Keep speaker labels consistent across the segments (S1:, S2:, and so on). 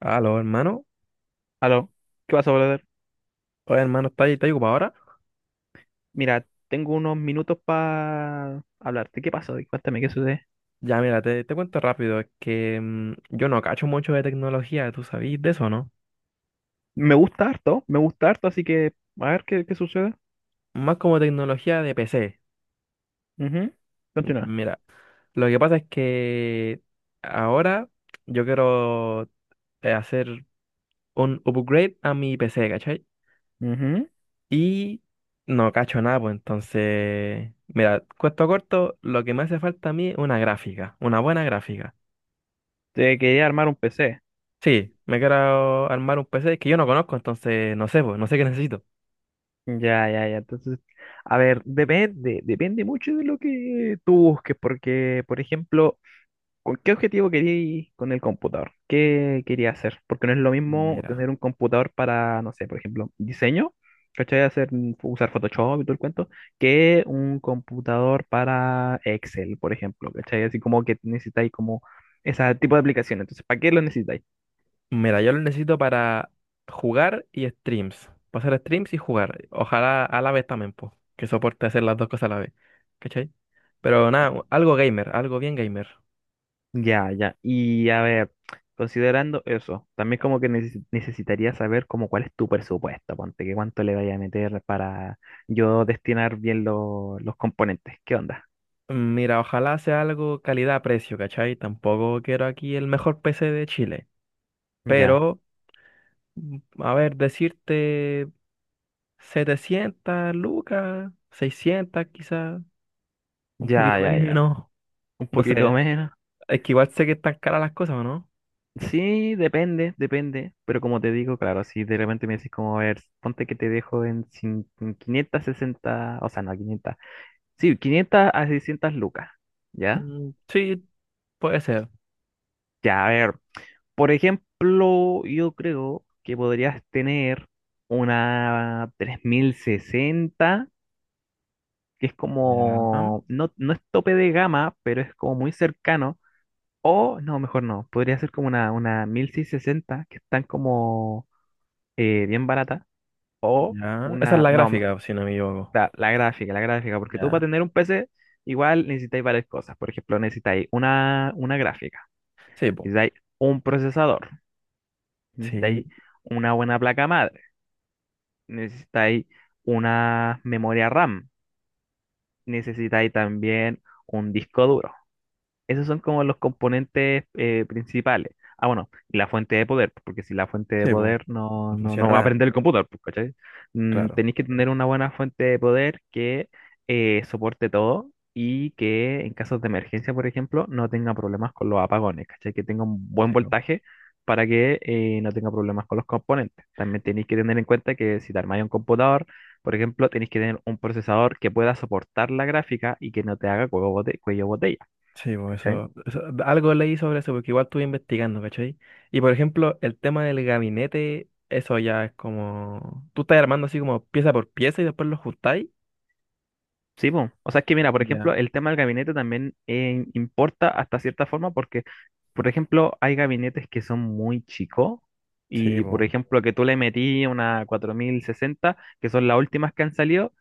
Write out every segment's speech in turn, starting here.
S1: Aló, hermano.
S2: Aló, ¿qué pasó, brother?
S1: Oye, hermano, ¿ estás ocupado ahora?
S2: Mira, tengo unos minutos para hablarte. ¿Qué pasó? Cuéntame, ¿qué sucede?
S1: Ya, mira, te cuento rápido. Es que yo no cacho mucho de tecnología, ¿tú sabís de eso, no?
S2: Me gusta harto, así que a ver qué sucede.
S1: Más como tecnología de PC.
S2: Ujú, continúa.
S1: Mira, lo que pasa es que ahora yo quiero hacer un upgrade a mi PC, ¿cachai?
S2: Ujú.
S1: Y no cacho nada, pues entonces, mira, cuento corto, lo que me hace falta a mí es una gráfica, una buena gráfica.
S2: Te quería armar un PC.
S1: Sí, me quiero armar un PC que yo no conozco, entonces no sé, pues, no sé qué necesito.
S2: Ya, ya, ya. Entonces, a ver, depende, depende mucho de lo que tú busques, porque, por ejemplo, ¿con qué objetivo quería ir con el computador? ¿Qué quería hacer? Porque no es lo mismo
S1: Mira,
S2: tener un computador para, no sé, por ejemplo, diseño, ¿cachai? Hacer, usar Photoshop y todo el cuento, que un computador para Excel, por ejemplo, ¿cachai? Así como que necesitáis como ese tipo de aplicaciones. Entonces, ¿para qué lo necesitáis?
S1: mira, yo lo necesito para jugar y streams. Para hacer streams y jugar. Ojalá a la vez también, pues, que soporte hacer las dos cosas a la vez. ¿Cachai? Pero nada, algo gamer, algo bien gamer.
S2: Ya, ya. Y a ver, considerando eso, también como que necesitaría saber como cuál es tu presupuesto, ponte, que cuánto le vaya a meter para yo destinar bien los componentes. ¿Qué onda?
S1: Mira, ojalá sea algo calidad-precio, ¿cachai? Tampoco quiero aquí el mejor PC de Chile.
S2: Ya,
S1: Pero, a ver, decirte 700, lucas, 600, quizás, un poquito
S2: ya, ya, ya.
S1: menos.
S2: Un
S1: No
S2: poquito
S1: sé,
S2: menos.
S1: es que igual sé que están caras las cosas, ¿o no?
S2: Sí, depende, depende. Pero como te digo, claro, si de repente me decís como, a ver, ponte que te dejo en, en 560, o sea, no, 500. Sí, 500 a 600 lucas. ¿Ya?
S1: Mm, sí, puede ser.
S2: Ya, a ver. Por ejemplo, yo creo que podrías tener una 3060, que es
S1: Ya,
S2: como, no, no es tope de gama, pero es como muy cercano. O, no, mejor no, podría ser como una 1660, que están como bien barata. O
S1: ya. Esa es
S2: una,
S1: la
S2: no,
S1: gráfica, si no me equivoco.
S2: la gráfica, la gráfica, porque tú para
S1: Ya.
S2: tener un PC igual necesitáis varias cosas. Por ejemplo, necesitáis una gráfica,
S1: Sí, po.
S2: necesitáis un procesador,
S1: Sí,
S2: necesitáis una buena placa madre, necesitáis una memoria RAM, necesitáis también un disco duro. Esos son como los componentes principales. Ah, bueno, y la fuente de poder, pues, porque si la fuente de
S1: sí, po.
S2: poder
S1: No
S2: no, no, no
S1: funciona
S2: va a
S1: nada,
S2: aprender el computador, pues, ¿cachai?
S1: claro.
S2: Tenéis que tener una buena fuente de poder que soporte todo y que en casos de emergencia, por ejemplo, no tenga problemas con los apagones, ¿cachai? Que tenga un buen
S1: Sí, po.
S2: voltaje para que no tenga problemas con los componentes. También tenéis que tener en cuenta que si te armáis un computador, por ejemplo, tenéis que tener un procesador que pueda soportar la gráfica y que no te haga cuello botella.
S1: Sí, po.
S2: ¿Cachai?
S1: Algo leí sobre eso, porque igual estuve investigando, ¿cachai? Y por ejemplo, el tema del gabinete, eso ya es como. Tú estás armando así como pieza por pieza y después lo juntáis.
S2: Sí, po. O sea, es que mira, por
S1: Ya.
S2: ejemplo, el tema del gabinete también importa hasta cierta forma porque, por ejemplo, hay gabinetes que son muy chicos
S1: Sí,
S2: y, por
S1: po.
S2: ejemplo, que tú le metí una 4060, que son las últimas que han salido,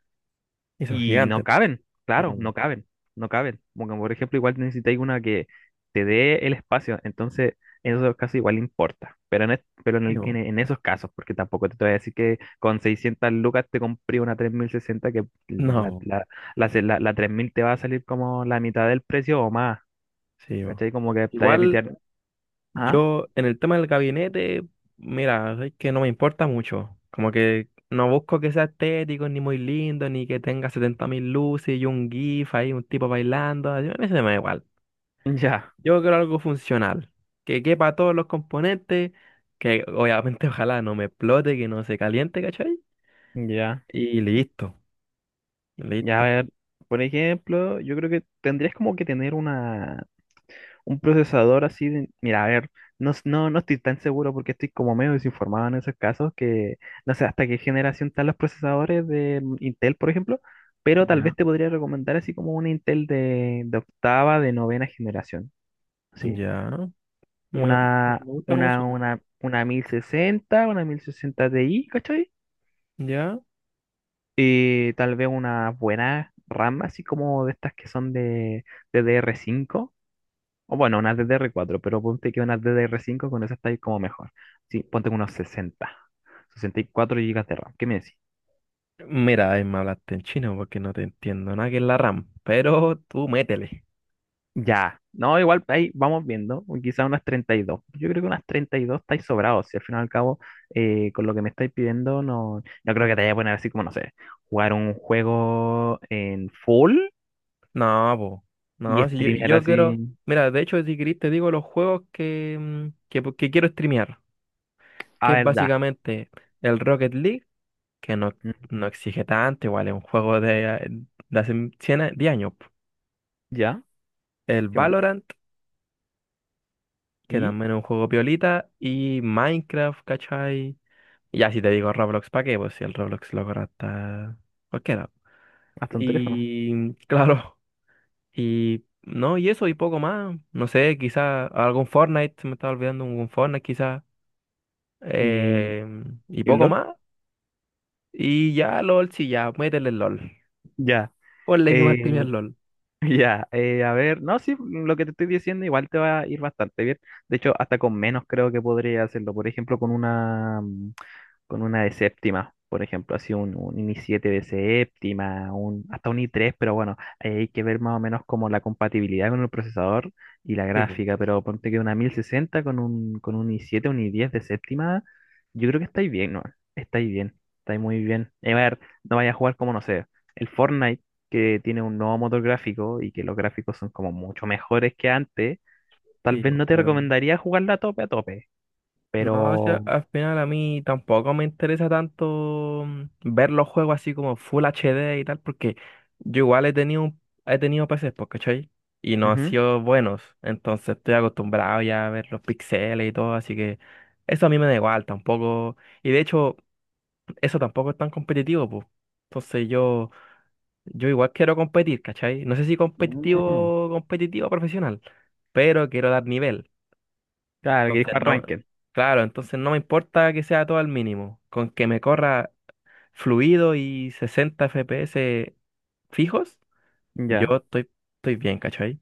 S1: Y son
S2: y no
S1: gigantes.
S2: caben, claro,
S1: No,
S2: no caben, no caben. Porque, por ejemplo, igual necesitáis una que te dé el espacio, entonces en esos casos igual importa. Pero en, pero en,
S1: sí, po.
S2: en esos casos, porque tampoco te voy a decir que con 600 lucas te compré una 3060 que
S1: No,
S2: la,
S1: po.
S2: la, la, se- la- la 3000 te va a salir como la mitad del precio o más.
S1: Sí, po.
S2: ¿Cachai? Como que te vaya a
S1: Igual.
S2: pitear. ¿Ah?
S1: Yo, en el tema del gabinete, mira, es que no me importa mucho. Como que no busco que sea estético, ni muy lindo, ni que tenga 70.000 luces y un GIF ahí, un tipo bailando. A mí se me da igual.
S2: Ya,
S1: Yo quiero algo funcional, que quepa todos los componentes, que obviamente ojalá no me explote, que no se caliente, ¿cachai?
S2: ya,
S1: Y listo,
S2: ya. A
S1: listo.
S2: ver, por ejemplo, yo creo que tendrías como que tener una. Un procesador así mira, a ver, no, no, no estoy tan seguro porque estoy como medio desinformado en esos casos que no sé hasta qué generación están los procesadores de Intel, por ejemplo, pero tal
S1: Ya.
S2: vez te podría recomendar así como un Intel de octava, de novena generación, sí.
S1: Ya, me, me
S2: Una,
S1: gusta cómo
S2: una,
S1: suena.
S2: una, una 1060 una 1060 Ti, ¿cachai?
S1: Ya.
S2: Y tal vez una buena RAM, así como de estas que son de d D r cinco. O bueno, unas DDR4 pero ponte que unas DDR5 con esas estáis como mejor. Sí, ponte con unos 60, 64 gigas de RAM. ¿Qué me decís?
S1: Mira, ahí me hablaste en chino porque no te entiendo nada que es la RAM, pero tú métele.
S2: Ya, no, igual ahí vamos viendo, o quizá unas 32. Yo creo que unas 32 estáis sobrados. Si al final y al cabo, con lo que me estáis pidiendo, no, no creo que te vaya a poner así como, no sé, jugar un juego en full
S1: No, po.
S2: y
S1: No, si yo,
S2: streamear
S1: yo
S2: así.
S1: quiero. Mira, de hecho, si querés, te digo los juegos que quiero streamear. Que
S2: A
S1: es
S2: ver, ya.
S1: básicamente el Rocket League, que no,
S2: Mm,
S1: no exige tanto, igual es un juego de hace 100 10 años, po.
S2: ya,
S1: El
S2: ¿qué más?
S1: Valorant, que
S2: Y
S1: también es un juego piolita. Y Minecraft, ¿cachai? Y ya si te digo Roblox, ¿para qué? Pues si el Roblox lo corre hasta cualquiera.
S2: hasta un teléfono.
S1: Y claro, y no, y eso y poco más. No sé, quizá algún Fortnite, se me estaba olvidando un Fortnite quizá.
S2: Y,
S1: eh, y
S2: y un
S1: poco
S2: LOL,
S1: más. Y ya LOL, sí, ya, métele el LOL.
S2: ya.
S1: Ponle que va a
S2: Eh,
S1: streamear LOL.
S2: Ya, a ver, no, sí, lo que te estoy diciendo igual te va a ir bastante bien. De hecho, hasta con menos creo que podría hacerlo. Por ejemplo, con una, de séptima, por ejemplo, así un i7 de séptima, un, hasta un i3, pero bueno, ahí hay que ver más o menos como la compatibilidad con el procesador y la
S1: Sí, po.
S2: gráfica, pero ponte que una 1060 con un i7, un i10 de séptima, yo creo que estáis bien, ¿no? Estáis bien, estáis muy bien. Y a ver, no vaya a jugar como, no sé, el Fortnite, que tiene un nuevo motor gráfico y que los gráficos son como mucho mejores que antes, tal
S1: Sí,
S2: vez
S1: po,
S2: no te
S1: pero
S2: recomendaría jugarla a tope,
S1: no, o sea,
S2: pero...
S1: al final a mí tampoco me interesa tanto ver los juegos así como Full HD y tal, porque yo igual he tenido PCs, pues, ¿cachai? Y no han
S2: Ujú.
S1: sido buenos, entonces estoy acostumbrado ya a ver los píxeles y todo, así que eso a mí me da igual tampoco. Y de hecho, eso tampoco es tan competitivo, pues. Entonces yo igual quiero competir, ¿cachai? No sé si
S2: Mm.
S1: competitivo, competitivo profesional, pero quiero dar nivel.
S2: Claro, que
S1: Entonces
S2: dijo
S1: no,
S2: arranquen.
S1: claro, entonces no me importa que sea todo al mínimo, con que me corra fluido y 60 FPS fijos, yo
S2: Ya,
S1: estoy bien, ¿cachai?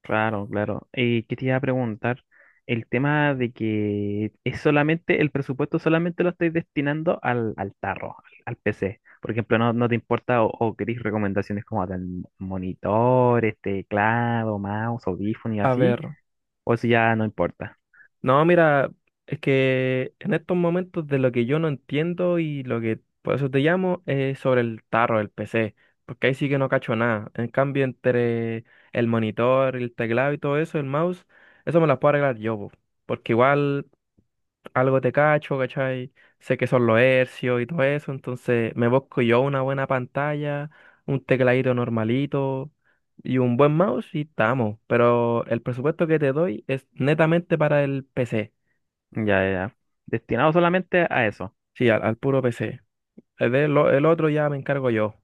S2: claro, claro. ¿Y qué te iba a preguntar? El tema de que es solamente, el presupuesto solamente lo estáis destinando al, al tarro, al, al PC. Por ejemplo, no, no te importa o queréis recomendaciones como tal monitores, teclado, mouse, audífono y
S1: A
S2: así,
S1: ver,
S2: o eso ya no importa.
S1: no, mira, es que en estos momentos de lo que yo no entiendo y lo que por eso te llamo es sobre el tarro del PC, porque ahí sí que no cacho nada. En cambio, entre el monitor, el teclado y todo eso, el mouse, eso me las puedo arreglar yo, po, porque igual algo te cacho, ¿cachai? Sé que son los hercios y todo eso, entonces me busco yo una buena pantalla, un tecladito normalito y un buen mouse y estamos. Pero el presupuesto que te doy es netamente para el PC,
S2: Ya, ya. Ya. Destinado solamente a eso.
S1: sí, al puro PC. El otro ya me encargo yo.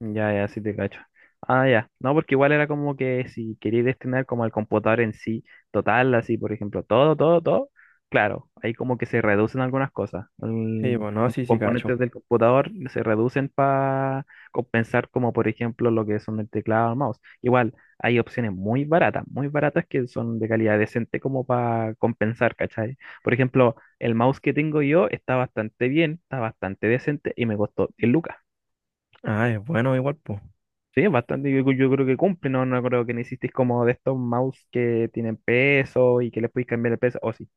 S2: Ya, ya, sí te cacho. Ah, ya. No, porque igual era como que si quería destinar como al computador en sí, total, así, por ejemplo, todo, todo, todo, claro, ahí como que se reducen algunas cosas.
S1: Sí,
S2: El
S1: bueno, sí, sí,
S2: componentes
S1: cacho.
S2: del computador se reducen para compensar como, por ejemplo, lo que son el teclado o el mouse. Igual, hay opciones muy baratas que son de calidad decente como para compensar, ¿cachai? Por ejemplo, el mouse que tengo yo está bastante bien, está bastante decente y me costó 10 lucas.
S1: Ah, es bueno igual, pues.
S2: Sí, es bastante, yo creo que cumple, no, no creo que necesites como de estos mouse que tienen peso y que les puedes cambiar el peso, o sí.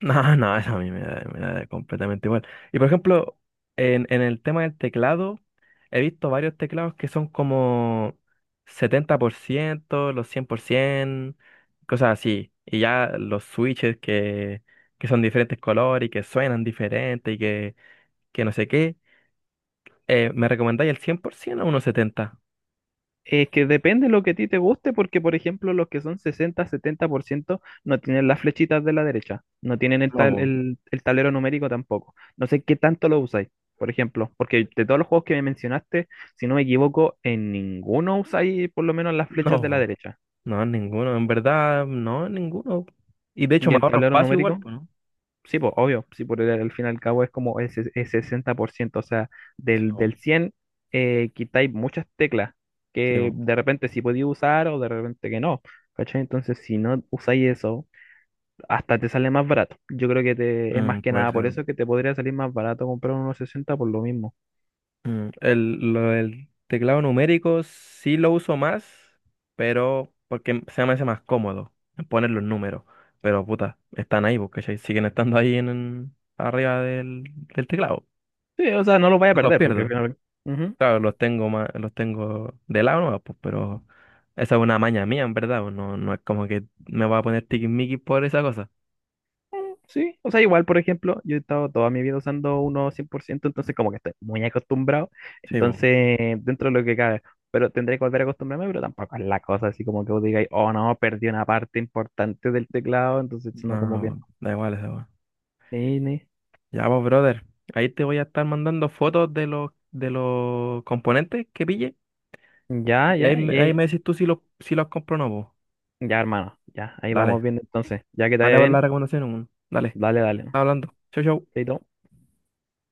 S1: No, no, eso a mí me da completamente igual. Y por ejemplo, en el tema del teclado, he visto varios teclados que son como 70% los 100% cosas así. Y ya los switches que son diferentes colores y que suenan diferente y que no sé qué. ¿Me recomendáis el 100% o unos 70
S2: Es que depende lo que a ti te guste, porque por ejemplo los que son 60 70% no tienen las flechitas de la derecha, no tienen el,
S1: No,
S2: tal-
S1: po.
S2: el, el tablero numérico tampoco. No sé qué tanto lo usáis, por ejemplo, porque de todos los juegos que me mencionaste, si no me equivoco, en ninguno usáis por lo menos las
S1: No,
S2: flechas de la
S1: po.
S2: derecha.
S1: No, ninguno. En verdad, no, ninguno. Y de hecho
S2: ¿Y
S1: me
S2: el
S1: ahorro
S2: tablero
S1: espacio igual,
S2: numérico?
S1: pues, ¿no?
S2: Sí, pues, obvio, sí, por el, al fin y al cabo es como el, el 60%, o sea,
S1: Sí,
S2: del,
S1: po.
S2: del 100, quitáis muchas teclas
S1: Sí,
S2: que
S1: po.
S2: de repente sí podéis usar o de repente que no, ¿cachai? Entonces, si no usáis eso, hasta te sale más barato. Yo creo que te, es más que
S1: Puede
S2: nada por
S1: ser.
S2: eso que te podría salir más barato comprar unos 60 por lo mismo.
S1: Lo del teclado numérico sí lo uso más, pero porque se me hace más cómodo poner los números. Pero puta, están ahí, porque siguen estando ahí arriba del teclado.
S2: Sí, o sea, no lo vaya a
S1: No los
S2: perder porque al
S1: pierdo.
S2: final...
S1: Claro, los tengo más, los tengo de lado nomás, pues, pero esa es una maña mía, en verdad. Pues, no, no es como que me voy a poner tiquismiquis por esa cosa.
S2: Sí, o sea, igual, por ejemplo, yo he estado toda mi vida usando uno 100% entonces como que estoy muy acostumbrado,
S1: Sí, pues.
S2: entonces dentro de lo que cabe, pero tendré que volver a acostumbrarme, pero tampoco es la cosa así como que vos digáis, oh, no, perdí una parte importante del teclado, entonces no como que...
S1: No,
S2: no.
S1: da igual esa weá.
S2: Ni, ni.
S1: Ya, pues, brother. Ahí te voy a estar mandando fotos de los componentes que pille.
S2: Ya,
S1: Y ahí,
S2: ya, ya,
S1: ahí me decís tú si los compro o no, po.
S2: ya, hermano, ya, ahí vamos
S1: Dale.
S2: viendo entonces, ya que te vaya
S1: Vale, vale la
S2: bien,
S1: recomendación. Weón. Dale.
S2: dale, dale, ¿no?
S1: Hablando. Chau, chau.
S2: Chaito.